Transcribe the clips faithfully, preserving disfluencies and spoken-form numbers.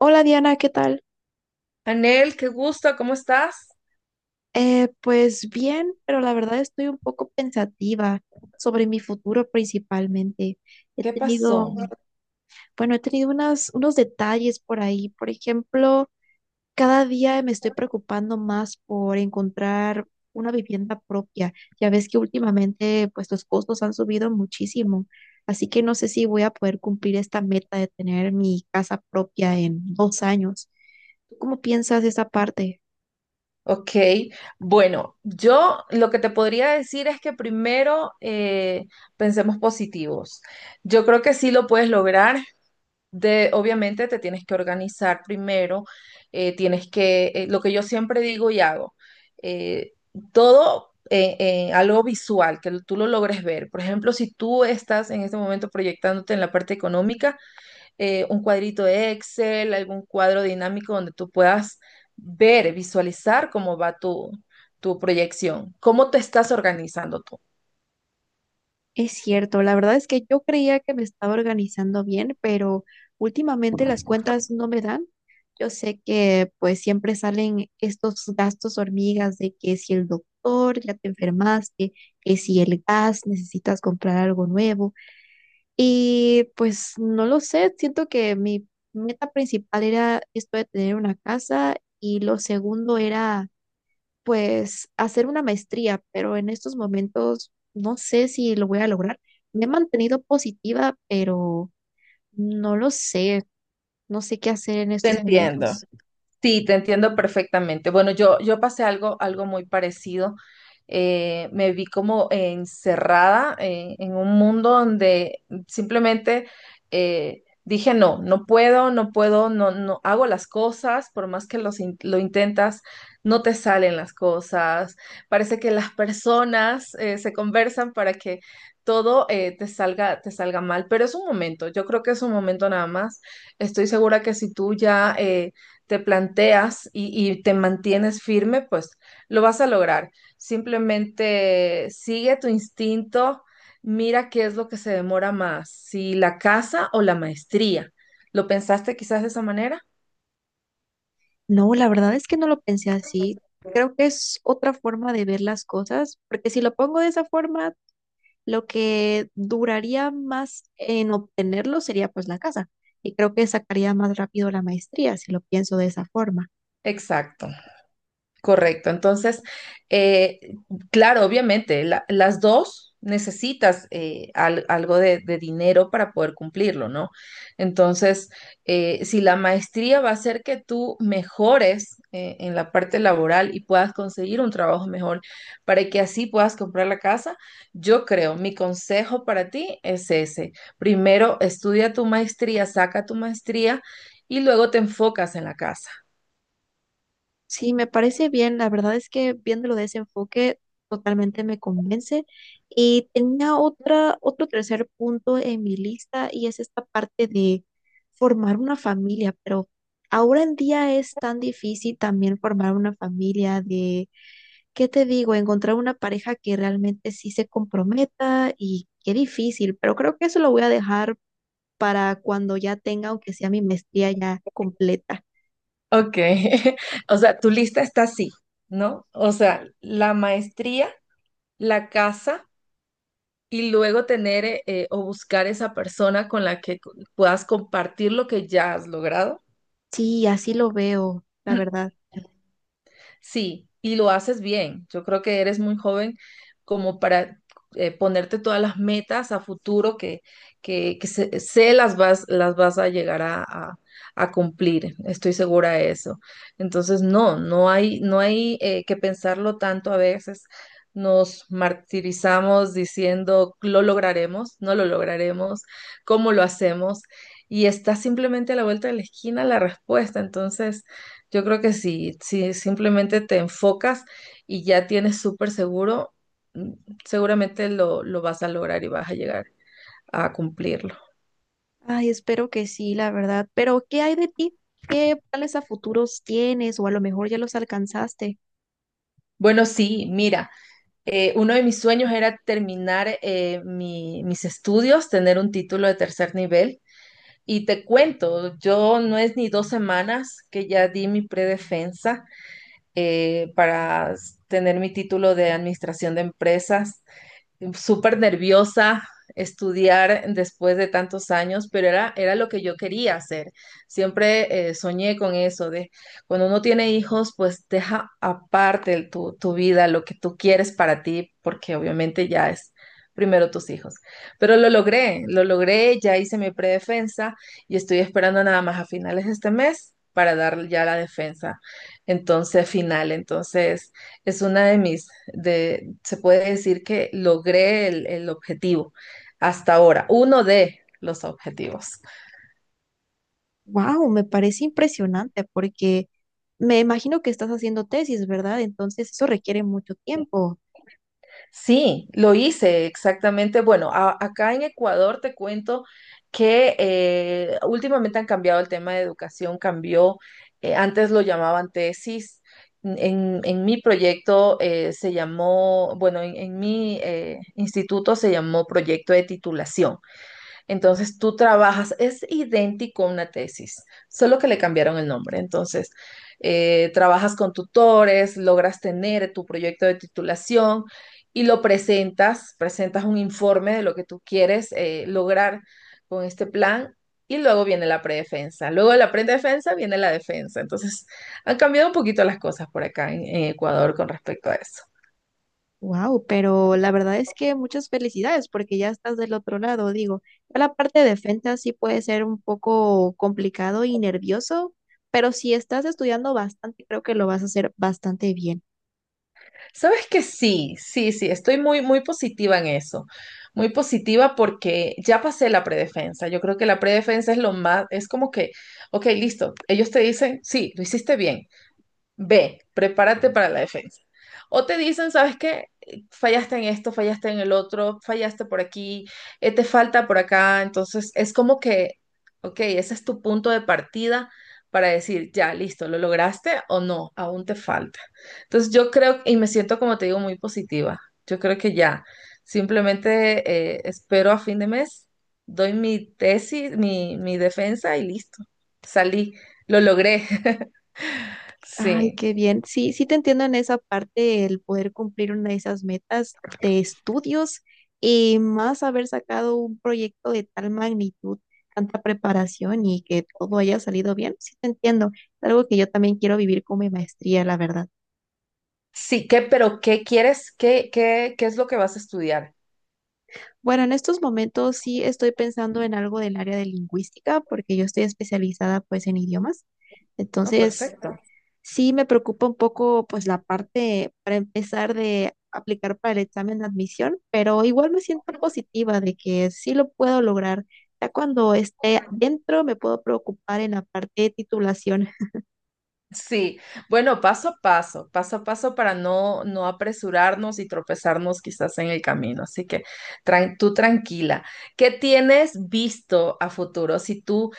Hola Diana, ¿qué tal? Anel, qué gusto, ¿cómo estás? Eh, pues bien, pero la verdad estoy un poco pensativa sobre mi futuro principalmente. He ¿Qué tenido, pasó? bueno, he tenido unas, unos detalles por ahí. Por ejemplo, cada día me estoy preocupando más por encontrar una vivienda propia. Ya ves que últimamente pues los costos han subido muchísimo, así que no sé si voy a poder cumplir esta meta de tener mi casa propia en dos años. ¿Tú cómo piensas esa parte? Ok, bueno, yo lo que te podría decir es que primero eh, pensemos positivos. Yo creo que sí lo puedes lograr. De, obviamente te tienes que organizar primero, eh, tienes que, eh, lo que yo siempre digo y hago, eh, todo eh, eh, algo visual, que tú lo logres ver. Por ejemplo, si tú estás en este momento proyectándote en la parte económica, eh, un cuadrito de Excel, algún cuadro dinámico donde tú puedas ver, visualizar cómo va tu, tu proyección, cómo te estás organizando tú. Es cierto, la verdad es que yo creía que me estaba organizando bien, pero últimamente las cuentas no me dan. Yo sé que pues siempre salen estos gastos hormigas de que si el doctor ya te enfermaste, que si el gas necesitas comprar algo nuevo. Y pues no lo sé, siento que mi meta principal era esto de tener una casa y lo segundo era pues hacer una maestría, pero en estos momentos no sé si lo voy a lograr. Me he mantenido positiva, pero no lo sé, no sé qué hacer en Te estos entiendo. momentos. Sí, te entiendo perfectamente. Bueno, yo, yo pasé algo, algo muy parecido. Eh, me vi como encerrada eh, en un mundo donde simplemente eh, dije, no, no puedo, no puedo, no, no hago las cosas, por más que los in- lo intentas, no te salen las cosas. Parece que las personas eh, se conversan para que todo eh, te salga, te salga mal, pero es un momento, yo creo que es un momento nada más. Estoy segura que si tú ya... eh, te planteas y, y te mantienes firme, pues lo vas a lograr. Simplemente sigue tu instinto, mira qué es lo que se demora más, si la casa o la maestría. ¿Lo pensaste quizás de esa manera? No, la verdad es que no lo pensé así. Creo que es otra forma de ver las cosas, porque si lo pongo de esa forma, lo que duraría más en obtenerlo sería pues la casa. Y creo que sacaría más rápido la maestría si lo pienso de esa forma. Exacto. Correcto. Entonces, eh, claro, obviamente, la- las dos necesitas eh, al- algo de, de dinero para poder cumplirlo, ¿no? Entonces, eh, si la maestría va a hacer que tú mejores eh, en la parte laboral y puedas conseguir un trabajo mejor para que así puedas comprar la casa, yo creo, mi consejo para ti es ese. Primero, estudia tu maestría, saca tu maestría y luego te enfocas en la casa. Sí, me parece bien. La verdad es que viéndolo de ese enfoque totalmente me convence. Y tenía otra, otro tercer punto en mi lista y es esta parte de formar una familia, pero ahora en día es tan difícil también formar una familia de, ¿qué te digo? Encontrar una pareja que realmente sí se comprometa y qué difícil, pero creo que eso lo voy a dejar para cuando ya tenga, aunque sea mi maestría ya completa. Ok, o sea, tu lista está así, ¿no? O sea, la maestría, la casa y luego tener eh, eh, o buscar esa persona con la que co- puedas compartir lo que ya has logrado. Sí, así lo veo, la verdad. Sí, y lo haces bien. Yo creo que eres muy joven como para eh, ponerte todas las metas a futuro que, que, que sé, sé las vas, las vas a llegar a, a- a cumplir. Estoy segura de eso. Entonces, no, no hay, no hay eh, que pensarlo tanto a veces. Nos martirizamos diciendo, lo lograremos, no lo lograremos, cómo lo hacemos. Y está simplemente a la vuelta de la esquina la respuesta. Entonces... Yo creo que si, si simplemente te enfocas y ya tienes súper seguro, mm, seguramente lo, lo vas a lograr y vas a llegar a cumplirlo. Ay, espero que sí, la verdad. Pero, ¿qué hay de ti? ¿Qué planes a futuros tienes? O a lo mejor ya los alcanzaste. Bueno, sí, mira, eh, uno de mis sueños era terminar eh, mi- mis estudios, tener un título de tercer nivel. Y te cuento, yo no es ni dos semanas que ya di mi predefensa eh, para s- tener mi título de administración de empresas. Súper nerviosa estudiar después de tantos años, pero era, era lo que yo quería hacer. Siempre eh, soñé con eso, de cuando uno tiene hijos, pues deja aparte el- tu, tu vida, lo que tú quieres para ti, porque obviamente ya es primero tus hijos. Pero lo logré, lo logré, ya hice mi predefensa y estoy esperando nada más a finales de este mes para dar ya la defensa. Entonces, final, entonces es una de mis, de, se puede decir que logré el, el objetivo hasta ahora, uno de los objetivos. Wow, me parece impresionante porque me imagino que estás haciendo tesis, ¿verdad? Entonces eso requiere mucho tiempo. Sí, lo hice exactamente. Bueno, a- acá en Ecuador te cuento que eh, últimamente han cambiado el tema de educación, cambió, eh, antes lo llamaban tesis. En, en mi proyecto eh, se llamó, bueno, en, en mi eh, instituto se llamó proyecto de titulación. Entonces tú trabajas, es idéntico a una tesis, solo que le cambiaron el nombre. Entonces, eh, trabajas con tutores, logras tener tu proyecto de titulación y lo presentas, presentas un informe de lo que tú quieres eh, lograr con este plan y luego viene la predefensa. Luego de la predefensa viene la defensa. Entonces, han cambiado un poquito las cosas por acá en, en Ecuador con respecto a eso. Wow, pero la verdad es que muchas felicidades porque ya estás del otro lado, digo. Ya la parte de defensa sí puede ser un poco complicado y nervioso, pero si estás estudiando bastante, creo que lo vas a hacer bastante bien. Sabes que sí, sí, sí, estoy muy, muy positiva en eso. Muy positiva porque ya pasé la predefensa. Yo creo que la predefensa es lo más, es como que, ok, listo, ellos te dicen, sí, lo hiciste bien. B, prepárate para la defensa. O te dicen, ¿sabes qué? Fallaste en esto, fallaste en el otro, fallaste por aquí, eh, te falta por acá. Entonces, es como que, ok, ese es tu punto de partida para decir, ya, listo, ¿lo lograste o no? Aún te falta. Entonces, yo creo, y me siento, como te digo, muy positiva. Yo creo que ya, simplemente eh, espero a fin de mes, doy mi tesis, mi, mi defensa y listo. Salí, lo logré. Ay, Sí. qué bien. Sí, sí te entiendo en esa parte, el poder cumplir una de esas metas de estudios y más haber sacado un proyecto de tal magnitud, tanta preparación y que todo haya salido bien. Sí te entiendo. Es algo que yo también quiero vivir con mi maestría, la verdad. Sí, ¿qué, pero ¿qué quieres? ¿Qué, qué, ¿qué es lo que vas a estudiar? Bueno, en estos momentos sí estoy pensando en algo del área de lingüística porque yo estoy especializada pues en idiomas. No, Entonces, perfecto. sí, me preocupa un poco, pues, la parte para empezar de aplicar para el examen de admisión, pero igual me siento positiva de que sí lo puedo lograr. Ya cuando esté dentro me puedo preocupar en la parte de titulación. Sí, bueno, paso a paso, paso a paso para no, no apresurarnos y tropezarnos quizás en el camino. Así que tran- tú tranquila. ¿Qué tienes visto a futuro? Si tú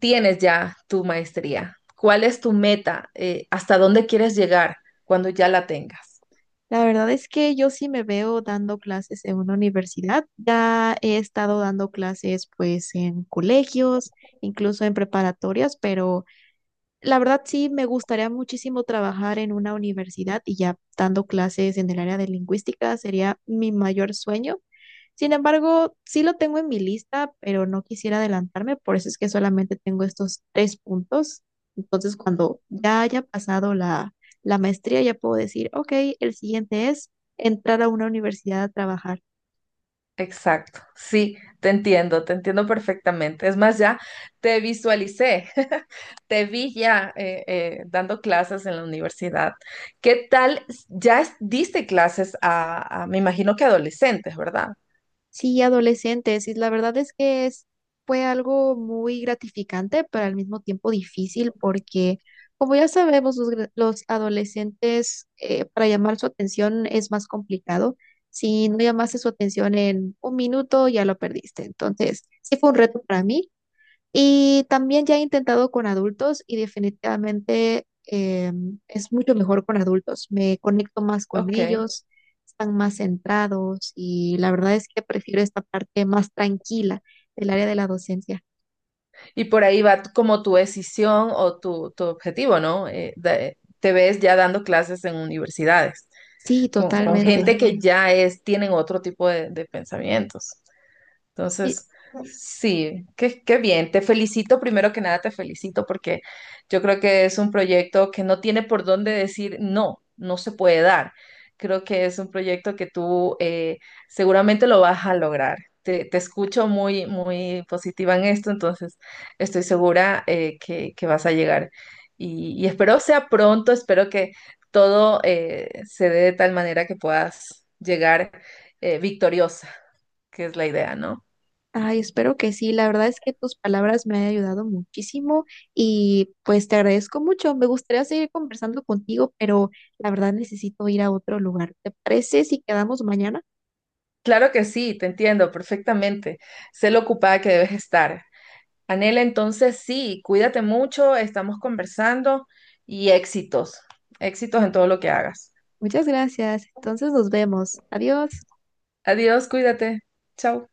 tienes ya tu maestría, ¿cuál es tu meta? Eh, hasta dónde quieres llegar cuando ya la tengas? La verdad es que yo sí me veo dando clases en una universidad. Ya he estado dando clases, pues, en colegios, incluso en preparatorias, pero la verdad sí, me gustaría muchísimo trabajar en una universidad y ya dando clases en el área de lingüística sería mi mayor sueño. Sin embargo, sí lo tengo en mi lista, pero no quisiera adelantarme, por eso es que solamente tengo estos tres puntos. Entonces, cuando ya haya pasado la, la maestría, ya puedo decir, ok, el siguiente es entrar a una universidad a trabajar. Exacto, sí, te entiendo, te entiendo perfectamente. Es más, ya te visualicé, te vi ya eh, eh, dando clases en la universidad. ¿Qué tal? Ya es- diste clases a, a- me imagino que adolescentes, ¿verdad? Sí, adolescentes, y la verdad es que es, fue algo muy gratificante, pero al mismo tiempo difícil, porque como ya sabemos, los, gra- los adolescentes, eh, para llamar su atención es más complicado. Si no llamaste su atención en un minuto, ya lo perdiste. Entonces, sí fue un reto para mí. Y también ya he intentado con adultos y definitivamente eh, es mucho mejor con adultos. Me conecto más con Ok, ellos, están más centrados y la verdad es que prefiero esta parte más tranquila del área de la docencia. y por ahí va como tu decisión o tu, tu objetivo, ¿no? Eh, de- te ves ya dando clases en universidades Sí, con, con totalmente. gente que ya es, tienen otro tipo de de pensamientos. Sí. Entonces, sí, qué, qué bien. Te felicito, primero que nada te felicito porque yo creo que es un proyecto que no tiene por dónde decir no, no se puede dar. Creo que es un proyecto que tú eh, seguramente lo vas a lograr. Te, te escucho muy, muy positiva en esto, entonces estoy segura eh, que, que vas a llegar. Y, y espero sea pronto, espero que todo eh, se dé de tal manera que puedas llegar eh, victoriosa, que es la idea, ¿no? Ay, espero que sí. La verdad es que tus palabras me han ayudado muchísimo y pues te agradezco mucho. Me gustaría seguir conversando contigo, pero la verdad necesito ir a otro lugar. ¿Te parece si quedamos mañana? Claro que sí, te entiendo perfectamente. Sé lo ocupada que debes estar. Anela, entonces sí, cuídate mucho, estamos conversando y éxitos, éxitos en todo lo que hagas. Muchas gracias. Entonces nos vemos. Adiós. Adiós, cuídate. Chao.